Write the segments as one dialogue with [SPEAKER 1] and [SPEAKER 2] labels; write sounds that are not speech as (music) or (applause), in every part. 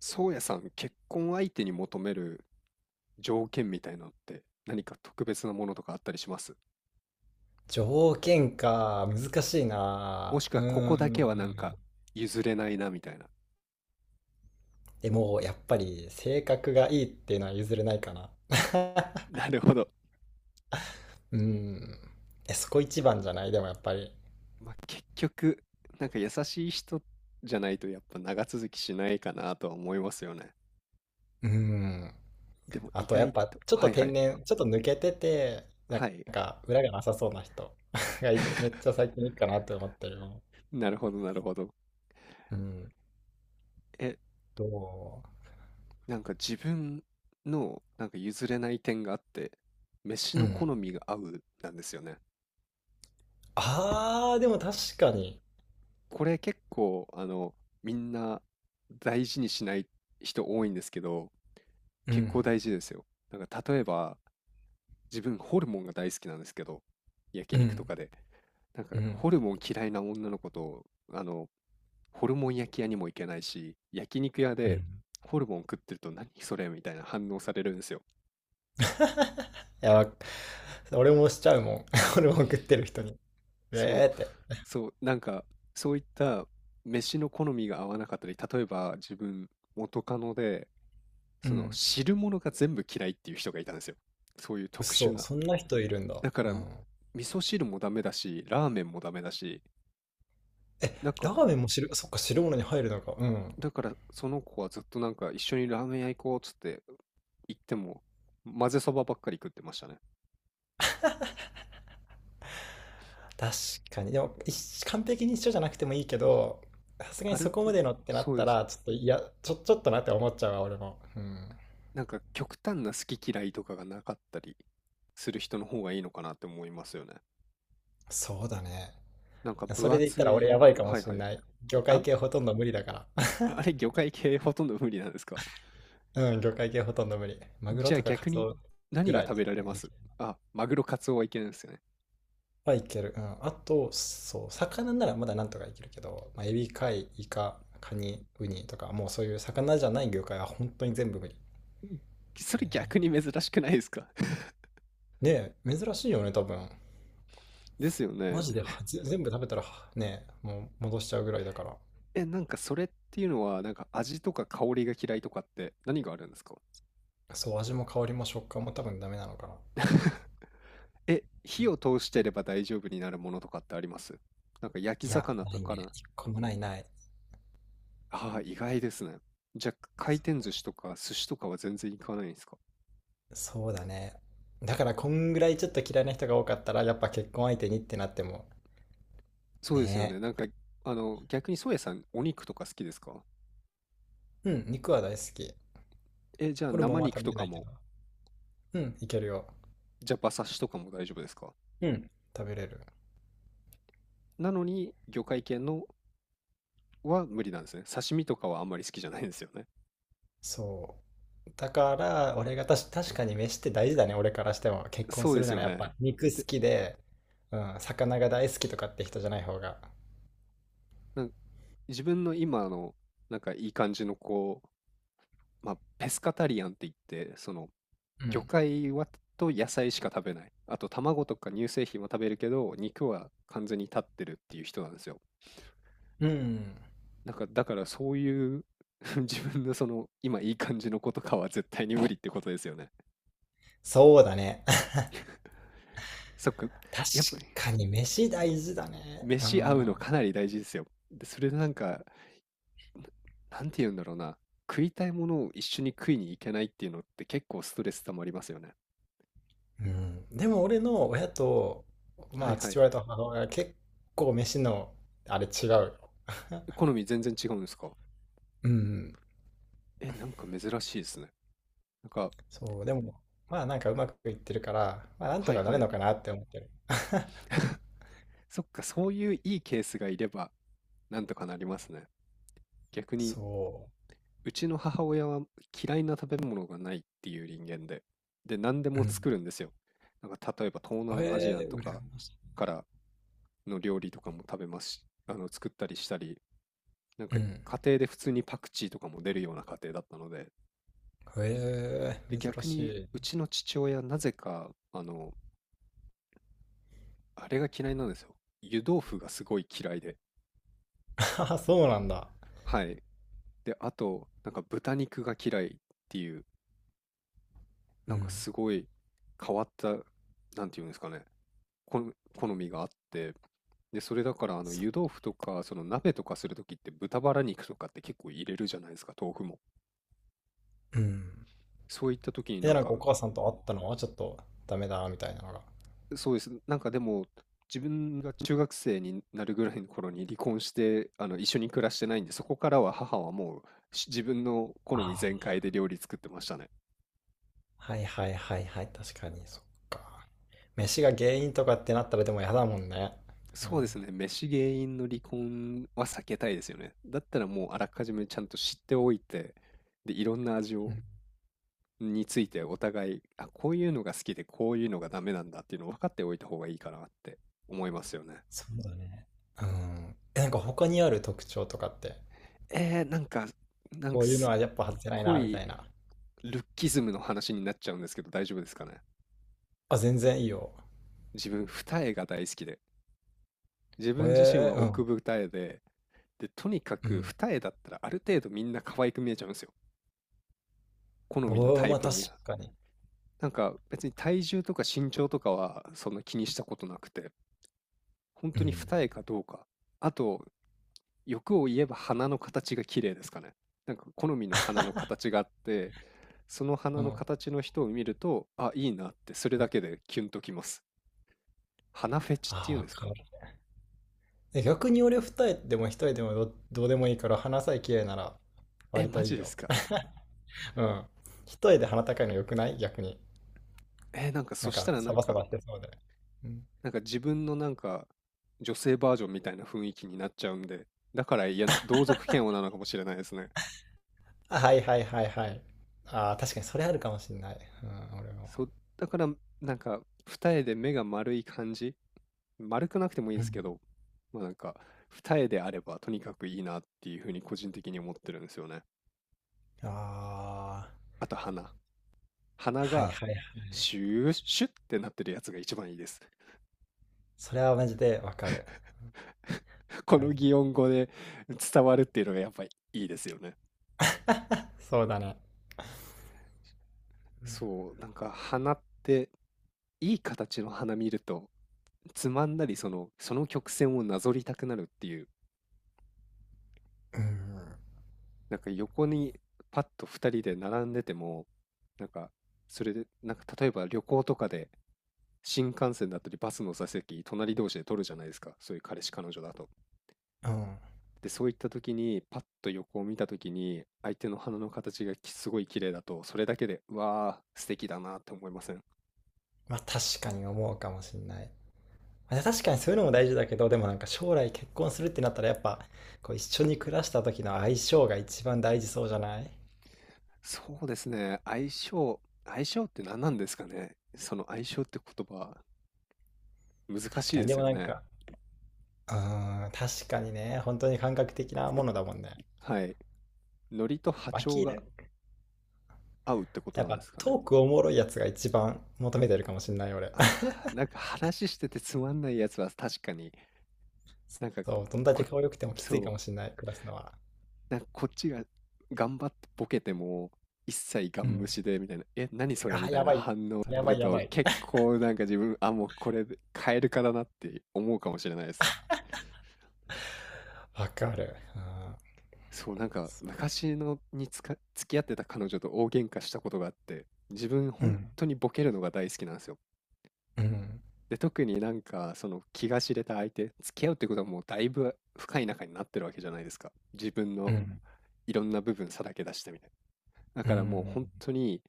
[SPEAKER 1] 宗谷さん、結婚相手に求める条件みたいなのって何か特別なものとかあったりします？
[SPEAKER 2] 条件か、難しい
[SPEAKER 1] も
[SPEAKER 2] な。
[SPEAKER 1] しく
[SPEAKER 2] う
[SPEAKER 1] は
[SPEAKER 2] ー
[SPEAKER 1] ここだ
[SPEAKER 2] ん。
[SPEAKER 1] けはなんか譲れないなみたいな。
[SPEAKER 2] でも、やっぱり性格がいいっていうのは譲れないかな。(laughs)
[SPEAKER 1] (laughs) なるほど。
[SPEAKER 2] うーん。え、そこ一番じゃないでもやっぱり。
[SPEAKER 1] まあ、結局、なんか優しい人じゃないとやっぱ長続きしないかなとは思いますよね。
[SPEAKER 2] うーん。
[SPEAKER 1] でも
[SPEAKER 2] あ
[SPEAKER 1] 意
[SPEAKER 2] と、やっ
[SPEAKER 1] 外
[SPEAKER 2] ぱ、
[SPEAKER 1] と、
[SPEAKER 2] ちょっ
[SPEAKER 1] は
[SPEAKER 2] と
[SPEAKER 1] いは
[SPEAKER 2] 天
[SPEAKER 1] い、
[SPEAKER 2] 然、ちょっと抜けてて、
[SPEAKER 1] はい。
[SPEAKER 2] なんか、裏がなさそうな人 (laughs) がいめっちゃ
[SPEAKER 1] (laughs)
[SPEAKER 2] 最近いいかなって思ってるよ。
[SPEAKER 1] なるほどなるほど。
[SPEAKER 2] うん。
[SPEAKER 1] え、
[SPEAKER 2] ど
[SPEAKER 1] なんか自分のなんか譲れない点があって、飯
[SPEAKER 2] う
[SPEAKER 1] の好
[SPEAKER 2] ん。
[SPEAKER 1] みが合うなんですよね。
[SPEAKER 2] あー、でも確かに。
[SPEAKER 1] これ結構、みんな大事にしない人多いんですけど、
[SPEAKER 2] う
[SPEAKER 1] 結
[SPEAKER 2] ん。
[SPEAKER 1] 構大事ですよ。なんか例えば、自分ホルモンが大好きなんですけど、焼
[SPEAKER 2] う
[SPEAKER 1] 肉と
[SPEAKER 2] ん。
[SPEAKER 1] かで。なん
[SPEAKER 2] う
[SPEAKER 1] か
[SPEAKER 2] ん。
[SPEAKER 1] ホルモン嫌いな女の子と、あの、ホルモン焼き屋にも行けないし、焼肉屋
[SPEAKER 2] う
[SPEAKER 1] で
[SPEAKER 2] ん。
[SPEAKER 1] ホルモン食ってると何それみたいな反応されるんですよ。
[SPEAKER 2] (laughs) いや、俺もしちゃうもん。(laughs) 俺も送ってる人に。
[SPEAKER 1] そう、
[SPEAKER 2] えーって。
[SPEAKER 1] そう、なんかそういった飯の好みが合わなかったり、例えば自分元カノで、
[SPEAKER 2] う
[SPEAKER 1] その
[SPEAKER 2] ん。
[SPEAKER 1] 汁物が全部嫌いっていう人がいたんですよ。そういう特殊
[SPEAKER 2] 嘘、
[SPEAKER 1] な。
[SPEAKER 2] そんな人いるんだ。
[SPEAKER 1] だか
[SPEAKER 2] う
[SPEAKER 1] ら味
[SPEAKER 2] ん。
[SPEAKER 1] 噌汁もダメだし、ラーメンもダメだし、
[SPEAKER 2] え、
[SPEAKER 1] だか
[SPEAKER 2] ラ
[SPEAKER 1] ら、
[SPEAKER 2] ーメンも汁、そっか、汁物に入るのか。うん。
[SPEAKER 1] だからその子はずっとなんか一緒にラーメン屋行こうっつって行っても混ぜそばばっかり食ってましたね。
[SPEAKER 2] 確かに。でも、一完璧に一緒じゃなくてもいいけど、さすがに
[SPEAKER 1] あれっ
[SPEAKER 2] そこ
[SPEAKER 1] て、
[SPEAKER 2] までのってな
[SPEAKER 1] そ
[SPEAKER 2] っ
[SPEAKER 1] う
[SPEAKER 2] た
[SPEAKER 1] です。
[SPEAKER 2] ら、ちょっと、いや、ちょっとなって思っちゃうわ、俺も。うん。
[SPEAKER 1] なんか極端な好き嫌いとかがなかったりする人の方がいいのかなって思いますよね。
[SPEAKER 2] そうだね。
[SPEAKER 1] なんか
[SPEAKER 2] そ
[SPEAKER 1] 分
[SPEAKER 2] れで言った
[SPEAKER 1] 厚
[SPEAKER 2] ら俺
[SPEAKER 1] い、
[SPEAKER 2] やばいかも
[SPEAKER 1] はい
[SPEAKER 2] し
[SPEAKER 1] は
[SPEAKER 2] ん
[SPEAKER 1] い。
[SPEAKER 2] ない。魚介
[SPEAKER 1] あ、
[SPEAKER 2] 系ほとんど無理だから。
[SPEAKER 1] あれ魚介系ほとんど無理なんですか？
[SPEAKER 2] (laughs) うん、魚介系ほとんど無理。マグロ
[SPEAKER 1] じゃあ
[SPEAKER 2] とかカ
[SPEAKER 1] 逆
[SPEAKER 2] ツ
[SPEAKER 1] に
[SPEAKER 2] オぐ
[SPEAKER 1] 何が
[SPEAKER 2] らい。
[SPEAKER 1] 食べられま
[SPEAKER 2] い
[SPEAKER 1] す？あ、マグロ、カツオはいけないですよね。
[SPEAKER 2] はいける。うん。あと、そう、魚ならまだなんとかいけるけど、まあ、エビ、貝、イカ、カニ、ウニとか、もうそういう魚じゃない魚介は本当に全部無理
[SPEAKER 1] そ
[SPEAKER 2] だ
[SPEAKER 1] れ逆
[SPEAKER 2] ね。
[SPEAKER 1] に珍しくないですか？ (laughs)
[SPEAKER 2] ねえ、珍しいよね、多分。
[SPEAKER 1] ですよ
[SPEAKER 2] マ
[SPEAKER 1] ね。
[SPEAKER 2] ジで全部食べたらね、もう戻しちゃうぐらいだから。
[SPEAKER 1] え、なんかそれっていうのは、なんか味とか香りが嫌いとかって何があるんですか？
[SPEAKER 2] そう、味も香りも食感も多分ダメなのかな。
[SPEAKER 1] え、
[SPEAKER 2] う
[SPEAKER 1] 火
[SPEAKER 2] ん。
[SPEAKER 1] を通してれば大丈夫になるものとかってあります？なんか焼き
[SPEAKER 2] いや、
[SPEAKER 1] 魚
[SPEAKER 2] な
[SPEAKER 1] と
[SPEAKER 2] い
[SPEAKER 1] か
[SPEAKER 2] ね。
[SPEAKER 1] な。
[SPEAKER 2] 一個もない。
[SPEAKER 1] ああ、意外ですね。じゃあ回転
[SPEAKER 2] そ
[SPEAKER 1] 寿司とか寿司とかは全然行かないんですか？
[SPEAKER 2] そうだね。だからこんぐらいちょっと嫌いな人が多かったら、やっぱ結婚相手にってなっても、
[SPEAKER 1] そうですよ
[SPEAKER 2] ね
[SPEAKER 1] ね。なんか、逆にソエさん、お肉とか好きですか？
[SPEAKER 2] え。うん、肉は大好き。
[SPEAKER 1] え、じゃあ
[SPEAKER 2] ホルモン
[SPEAKER 1] 生
[SPEAKER 2] は
[SPEAKER 1] 肉
[SPEAKER 2] 食べ
[SPEAKER 1] と
[SPEAKER 2] れな
[SPEAKER 1] か
[SPEAKER 2] いけ
[SPEAKER 1] も、
[SPEAKER 2] ど。うん、いけるよ。
[SPEAKER 1] じゃあ馬刺しとかも大丈夫ですか？
[SPEAKER 2] うん。食べれる。
[SPEAKER 1] なのに、魚介系のは無理なんですね。刺身とかはあんまり好きじゃないんですよね。
[SPEAKER 2] そう。だから、俺がたし、確かに飯って大事だね、俺からしても。結婚
[SPEAKER 1] そう
[SPEAKER 2] す
[SPEAKER 1] で
[SPEAKER 2] る
[SPEAKER 1] す
[SPEAKER 2] な
[SPEAKER 1] よ
[SPEAKER 2] らやっ
[SPEAKER 1] ね。
[SPEAKER 2] ぱ肉好
[SPEAKER 1] で、
[SPEAKER 2] きで、うん、魚が大好きとかって人じゃない方が。
[SPEAKER 1] なんか自分の今の、なんかいい感じのこう、まあ、ペスカタリアンって言って、その、
[SPEAKER 2] う
[SPEAKER 1] 魚
[SPEAKER 2] ん。
[SPEAKER 1] 介はと野菜しか食べない。あと、卵とか乳製品は食べるけど、肉は完全に立ってるっていう人なんですよ。
[SPEAKER 2] うん。
[SPEAKER 1] なんか、だからそういう (laughs) 自分のその、今いい感じの子とかは絶対に無理ってことですよね。
[SPEAKER 2] そうだね。(laughs)
[SPEAKER 1] そっか。
[SPEAKER 2] 確
[SPEAKER 1] やっぱ、
[SPEAKER 2] かに飯大事だね。う
[SPEAKER 1] 飯合う
[SPEAKER 2] ん。
[SPEAKER 1] のかなり大事ですよ。で、それでなんか、なんて言うんだろうな。食いたいものを一緒に食いに行けないっていうのって結構ストレス溜まりますよね。
[SPEAKER 2] うん。でも俺の親と、
[SPEAKER 1] は
[SPEAKER 2] ま
[SPEAKER 1] い
[SPEAKER 2] あ
[SPEAKER 1] は
[SPEAKER 2] 父
[SPEAKER 1] い。
[SPEAKER 2] 親と母親は結構飯の、あれ違うよ。
[SPEAKER 1] 好
[SPEAKER 2] (laughs)
[SPEAKER 1] み全然違うんですか？
[SPEAKER 2] うん。
[SPEAKER 1] え、なんか珍しいですね。なんか、
[SPEAKER 2] そう、でも、まあなんかうまくいってるから、まあなんと
[SPEAKER 1] はい
[SPEAKER 2] かな
[SPEAKER 1] は
[SPEAKER 2] る
[SPEAKER 1] い。
[SPEAKER 2] のかなって思ってる。(laughs)
[SPEAKER 1] そっか、そういういいケースがいれば、なんとかなりますね。逆に、
[SPEAKER 2] そ
[SPEAKER 1] うちの母親は嫌いな食べ物がないっていう人間で、で、何で
[SPEAKER 2] う。
[SPEAKER 1] も
[SPEAKER 2] うん。
[SPEAKER 1] 作るんですよ。なんか、例えば東南アジア
[SPEAKER 2] ええー、
[SPEAKER 1] と
[SPEAKER 2] 羨
[SPEAKER 1] か
[SPEAKER 2] まし
[SPEAKER 1] からの料理とかも食べますし、作ったりしたり、なん
[SPEAKER 2] い。
[SPEAKER 1] か
[SPEAKER 2] うん。
[SPEAKER 1] 家庭で普通にパクチーとかも出るような家庭だったので、
[SPEAKER 2] ええ
[SPEAKER 1] で
[SPEAKER 2] ー、珍
[SPEAKER 1] 逆
[SPEAKER 2] し
[SPEAKER 1] に
[SPEAKER 2] い。
[SPEAKER 1] うちの父親なぜかあれが嫌いなんですよ。湯豆腐がすごい嫌いで、
[SPEAKER 2] (laughs) あ、そうなんだ。
[SPEAKER 1] はい。であとなんか豚肉が嫌いっていう
[SPEAKER 2] う
[SPEAKER 1] なんか
[SPEAKER 2] ん。
[SPEAKER 1] すごい変わったなんていうんですかね、こん好みがあって、でそれだから
[SPEAKER 2] そ
[SPEAKER 1] 湯豆腐とかその鍋とかするときって豚バラ肉とかって結構入れるじゃないですか豆腐も。
[SPEAKER 2] う。うん。
[SPEAKER 1] そういったときにな
[SPEAKER 2] え、
[SPEAKER 1] ん
[SPEAKER 2] なんか
[SPEAKER 1] か
[SPEAKER 2] お母さんと会ったのはちょっとダメだみたいなのが。
[SPEAKER 1] そうです。なんかでも、自分が中学生になるぐらいの頃に離婚して、一緒に暮らしてないんで、そこからは母はもうし自分の好み
[SPEAKER 2] ああ、
[SPEAKER 1] 全開で料理作ってましたね。
[SPEAKER 2] はいはいはいはい、確かに、そっか。飯が原因とかってなったらでも嫌だもんね。うん。
[SPEAKER 1] そうですね。飯原因の離婚は避けたいですよね。だったらもうあらかじめちゃんと知っておいて、で、いろんな味
[SPEAKER 2] う
[SPEAKER 1] を、
[SPEAKER 2] ん。
[SPEAKER 1] についてお互い、あ、こういうのが好きでこういうのがダメなんだっていうのを分かっておいた方がいいかなって思いますよね。
[SPEAKER 2] そうだね。うん。え、なんか他にある特徴とかって、
[SPEAKER 1] なんか、なん
[SPEAKER 2] こ
[SPEAKER 1] か
[SPEAKER 2] ういうの
[SPEAKER 1] すっ
[SPEAKER 2] はやっぱ外せない
[SPEAKER 1] ご
[SPEAKER 2] な、みた
[SPEAKER 1] い
[SPEAKER 2] いな。
[SPEAKER 1] ルッキズムの話になっちゃうんですけど大丈夫ですかね？
[SPEAKER 2] あ、全然いいよ。
[SPEAKER 1] 自分二重が大好きで、自
[SPEAKER 2] え
[SPEAKER 1] 分自身は
[SPEAKER 2] ー、う
[SPEAKER 1] 奥
[SPEAKER 2] ん、
[SPEAKER 1] 二重で、でとにか
[SPEAKER 2] う
[SPEAKER 1] く
[SPEAKER 2] ん。
[SPEAKER 1] 二重だったらある程度みんな可愛く見えちゃうんですよ、好みの
[SPEAKER 2] おー、
[SPEAKER 1] タイ
[SPEAKER 2] まあ
[SPEAKER 1] プ
[SPEAKER 2] 確
[SPEAKER 1] に。
[SPEAKER 2] かに。
[SPEAKER 1] なんか別に体重とか身長とかはそんな気にしたことなくて、本
[SPEAKER 2] う
[SPEAKER 1] 当に
[SPEAKER 2] ん。
[SPEAKER 1] 二重かどうか。あと欲を言えば鼻の形が綺麗ですかね。なんか好みの鼻の形があって、その
[SPEAKER 2] う
[SPEAKER 1] 鼻の
[SPEAKER 2] ん。
[SPEAKER 1] 形の人を見るとあいいなってそれだけでキュンときます。鼻フェチってい
[SPEAKER 2] あ、
[SPEAKER 1] うん
[SPEAKER 2] わ
[SPEAKER 1] です
[SPEAKER 2] かる。
[SPEAKER 1] か？
[SPEAKER 2] え、逆に俺二重でも一重でもどうでもいいから鼻さえ綺麗なら
[SPEAKER 1] え、
[SPEAKER 2] 割
[SPEAKER 1] マ
[SPEAKER 2] とい
[SPEAKER 1] ジ
[SPEAKER 2] い
[SPEAKER 1] で
[SPEAKER 2] よ。
[SPEAKER 1] すか？
[SPEAKER 2] (laughs) うん。一重で鼻高いの良くない逆に。
[SPEAKER 1] え、なんか
[SPEAKER 2] な
[SPEAKER 1] そ
[SPEAKER 2] ん
[SPEAKER 1] した
[SPEAKER 2] か
[SPEAKER 1] らな
[SPEAKER 2] サ
[SPEAKER 1] ん
[SPEAKER 2] バサ
[SPEAKER 1] か、
[SPEAKER 2] バしてそうで。うん。
[SPEAKER 1] なんか自分のなんか、女性バージョンみたいな雰囲気になっちゃうんで、だから、いや、同族嫌悪なのかもしれないですね。
[SPEAKER 2] あ、はいはいはいはい。ああ、確かにそれあるかもしんない。うん、俺も。
[SPEAKER 1] そう、だから、なんか二重で目が丸い感じ、丸くなくてもいいで
[SPEAKER 2] う
[SPEAKER 1] す
[SPEAKER 2] ん。
[SPEAKER 1] けど、ま、なんか二重であればとにかくいいなっていう風に個人的に思ってるんですよね。
[SPEAKER 2] あ
[SPEAKER 1] あと鼻。
[SPEAKER 2] あ、
[SPEAKER 1] 鼻
[SPEAKER 2] はい
[SPEAKER 1] が
[SPEAKER 2] はいはい。
[SPEAKER 1] シューシュッってなってるやつが一番いいです。
[SPEAKER 2] それはマジでわかる。
[SPEAKER 1] (laughs) こ
[SPEAKER 2] うん。
[SPEAKER 1] の擬音語で伝わるっていうのがやっぱりいいですよね。
[SPEAKER 2] (laughs) そうだね。
[SPEAKER 1] そう、なんか鼻っていい形の花見るとつまんだりその、その曲線をなぞりたくなるっていう、
[SPEAKER 2] うん。
[SPEAKER 1] なんか横にパッと2人で並んでても、なんかそれで、なんか例えば旅行とかで新幹線だったりバスの座席隣同士で取るじゃないですか、そういう彼氏彼女だと。
[SPEAKER 2] うん。
[SPEAKER 1] で、そういった時にパッと横を見た時に相手の鼻の形がきすごい綺麗だと、それだけで、うわー素敵だなって思いません？
[SPEAKER 2] まあ確かに思うかもしんない。まあ確かにそういうのも大事だけど、でもなんか将来結婚するってなったらやっぱ、こう一緒に暮らした時の相性が一番大事そうじゃない？
[SPEAKER 1] そうですね。相性って何なんですかね。その相性って言葉、難
[SPEAKER 2] 確
[SPEAKER 1] し
[SPEAKER 2] か
[SPEAKER 1] い
[SPEAKER 2] に、
[SPEAKER 1] で
[SPEAKER 2] で
[SPEAKER 1] す
[SPEAKER 2] も
[SPEAKER 1] よ
[SPEAKER 2] なん
[SPEAKER 1] ね。
[SPEAKER 2] か、うん、確かにね、本当に感覚的なものだもんね。
[SPEAKER 1] はい。ノリと波長
[SPEAKER 2] 脇
[SPEAKER 1] が
[SPEAKER 2] で、
[SPEAKER 1] 合うってこと
[SPEAKER 2] やっ
[SPEAKER 1] なんで
[SPEAKER 2] ぱ
[SPEAKER 1] すかね。
[SPEAKER 2] トークおもろいやつが一番求めてるかもしんない、俺。
[SPEAKER 1] あーなん
[SPEAKER 2] (laughs)
[SPEAKER 1] か話しててつまんないやつは確かに、なんか
[SPEAKER 2] そう、どんだけ
[SPEAKER 1] こ、
[SPEAKER 2] 顔良くてもきついか
[SPEAKER 1] そ
[SPEAKER 2] もしんない、暮らすのは。
[SPEAKER 1] う、なんかこっちが頑張ってボケても、一切ガ
[SPEAKER 2] う
[SPEAKER 1] ン無
[SPEAKER 2] ん。
[SPEAKER 1] 視でみたいな、え、何それみ
[SPEAKER 2] あ、
[SPEAKER 1] たい
[SPEAKER 2] や
[SPEAKER 1] な
[SPEAKER 2] ばい。
[SPEAKER 1] 反応され
[SPEAKER 2] やば
[SPEAKER 1] る
[SPEAKER 2] い、や
[SPEAKER 1] と、
[SPEAKER 2] ばい。
[SPEAKER 1] 結構なんか自分、あ、もうこれで変えるかだなって思うかもしれないです。
[SPEAKER 2] (laughs) わかる。
[SPEAKER 1] そう、なんか昔のにつか付き合ってた彼女と大喧嘩したことがあって、自分
[SPEAKER 2] うん。う
[SPEAKER 1] 本
[SPEAKER 2] ん。
[SPEAKER 1] 当にボケるのが大好きなんですよ。
[SPEAKER 2] うん。
[SPEAKER 1] で、特になんかその気が知れた相手、付き合うってことはもうだいぶ深い仲になってるわけじゃないですか。自分
[SPEAKER 2] う
[SPEAKER 1] の
[SPEAKER 2] ん。
[SPEAKER 1] いろんな部分さらけ出してみたいな。だ
[SPEAKER 2] う
[SPEAKER 1] からもう
[SPEAKER 2] ん。
[SPEAKER 1] 本当に、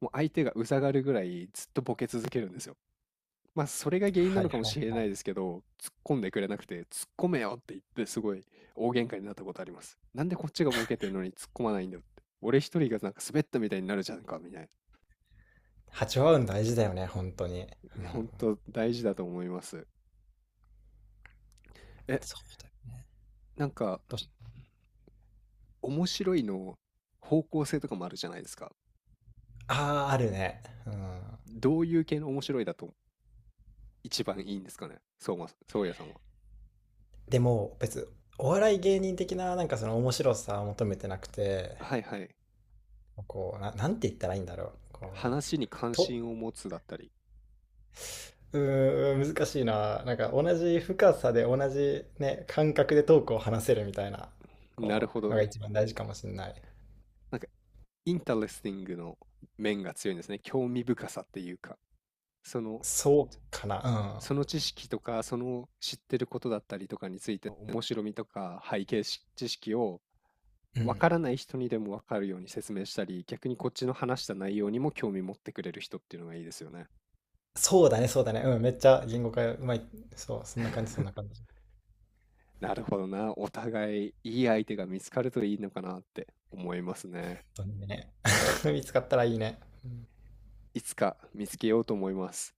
[SPEAKER 1] もう相手がうざがるぐらいずっとボケ続けるんですよ。まあ、それが原因な
[SPEAKER 2] は
[SPEAKER 1] の
[SPEAKER 2] い
[SPEAKER 1] かも
[SPEAKER 2] はい。
[SPEAKER 1] しれないですけど、突っ込んでくれなくて、突っ込めよって言って、すごい大喧嘩になったことあります。なんでこっちがボケてんのに突っ込まないんだよって。俺一人がなんか滑ったみたいになるじゃんか、みたい
[SPEAKER 2] 波長合うん大事だよね、本当に。う
[SPEAKER 1] な。
[SPEAKER 2] ん。
[SPEAKER 1] 本当大事だと思います。え、
[SPEAKER 2] そうだよね。
[SPEAKER 1] なんか、
[SPEAKER 2] どうし、
[SPEAKER 1] 面白いの方向性とかもあるじゃないですか。
[SPEAKER 2] ああー、あるね。うん。
[SPEAKER 1] どういう系の面白いだと一番いいんですかね、そうま、そうやさんは。
[SPEAKER 2] でも、別に、お笑い芸人的な、なんかその面白さを求めてなくて、
[SPEAKER 1] はいはい。
[SPEAKER 2] こう、な、なんて言ったらいいんだろう。こ
[SPEAKER 1] 話に
[SPEAKER 2] う、
[SPEAKER 1] 関
[SPEAKER 2] と、
[SPEAKER 1] 心を持つだったり。
[SPEAKER 2] うーん、難しいな。なんか同じ深さで同じね、感覚でトークを話せるみたいな、
[SPEAKER 1] なる
[SPEAKER 2] こう、
[SPEAKER 1] ほ
[SPEAKER 2] の
[SPEAKER 1] ど。
[SPEAKER 2] が一番大事かもしれない。
[SPEAKER 1] なんかインタレスティングの面が強いんですね。興味深さっていうか、その、
[SPEAKER 2] そうかな。
[SPEAKER 1] その知識とか、その知ってることだったりとかについて、面白みとか背景し知識を
[SPEAKER 2] うん。う
[SPEAKER 1] 分
[SPEAKER 2] ん。
[SPEAKER 1] からない人にでも分かるように説明したり、逆にこっちの話した内容にも興味持ってくれる人っていうのがいいですよね。
[SPEAKER 2] そうだね、そうだね。うん、めっちゃ言語化うまい。そう、そんな感じ、そんな
[SPEAKER 1] (laughs)
[SPEAKER 2] 感じ。
[SPEAKER 1] なるほどな。お互いいい相手が見つかるといいのかなって思います
[SPEAKER 2] 本
[SPEAKER 1] ね。
[SPEAKER 2] 当にね。(laughs) 見つかったらいいね。うん。
[SPEAKER 1] いつか見つけようと思います。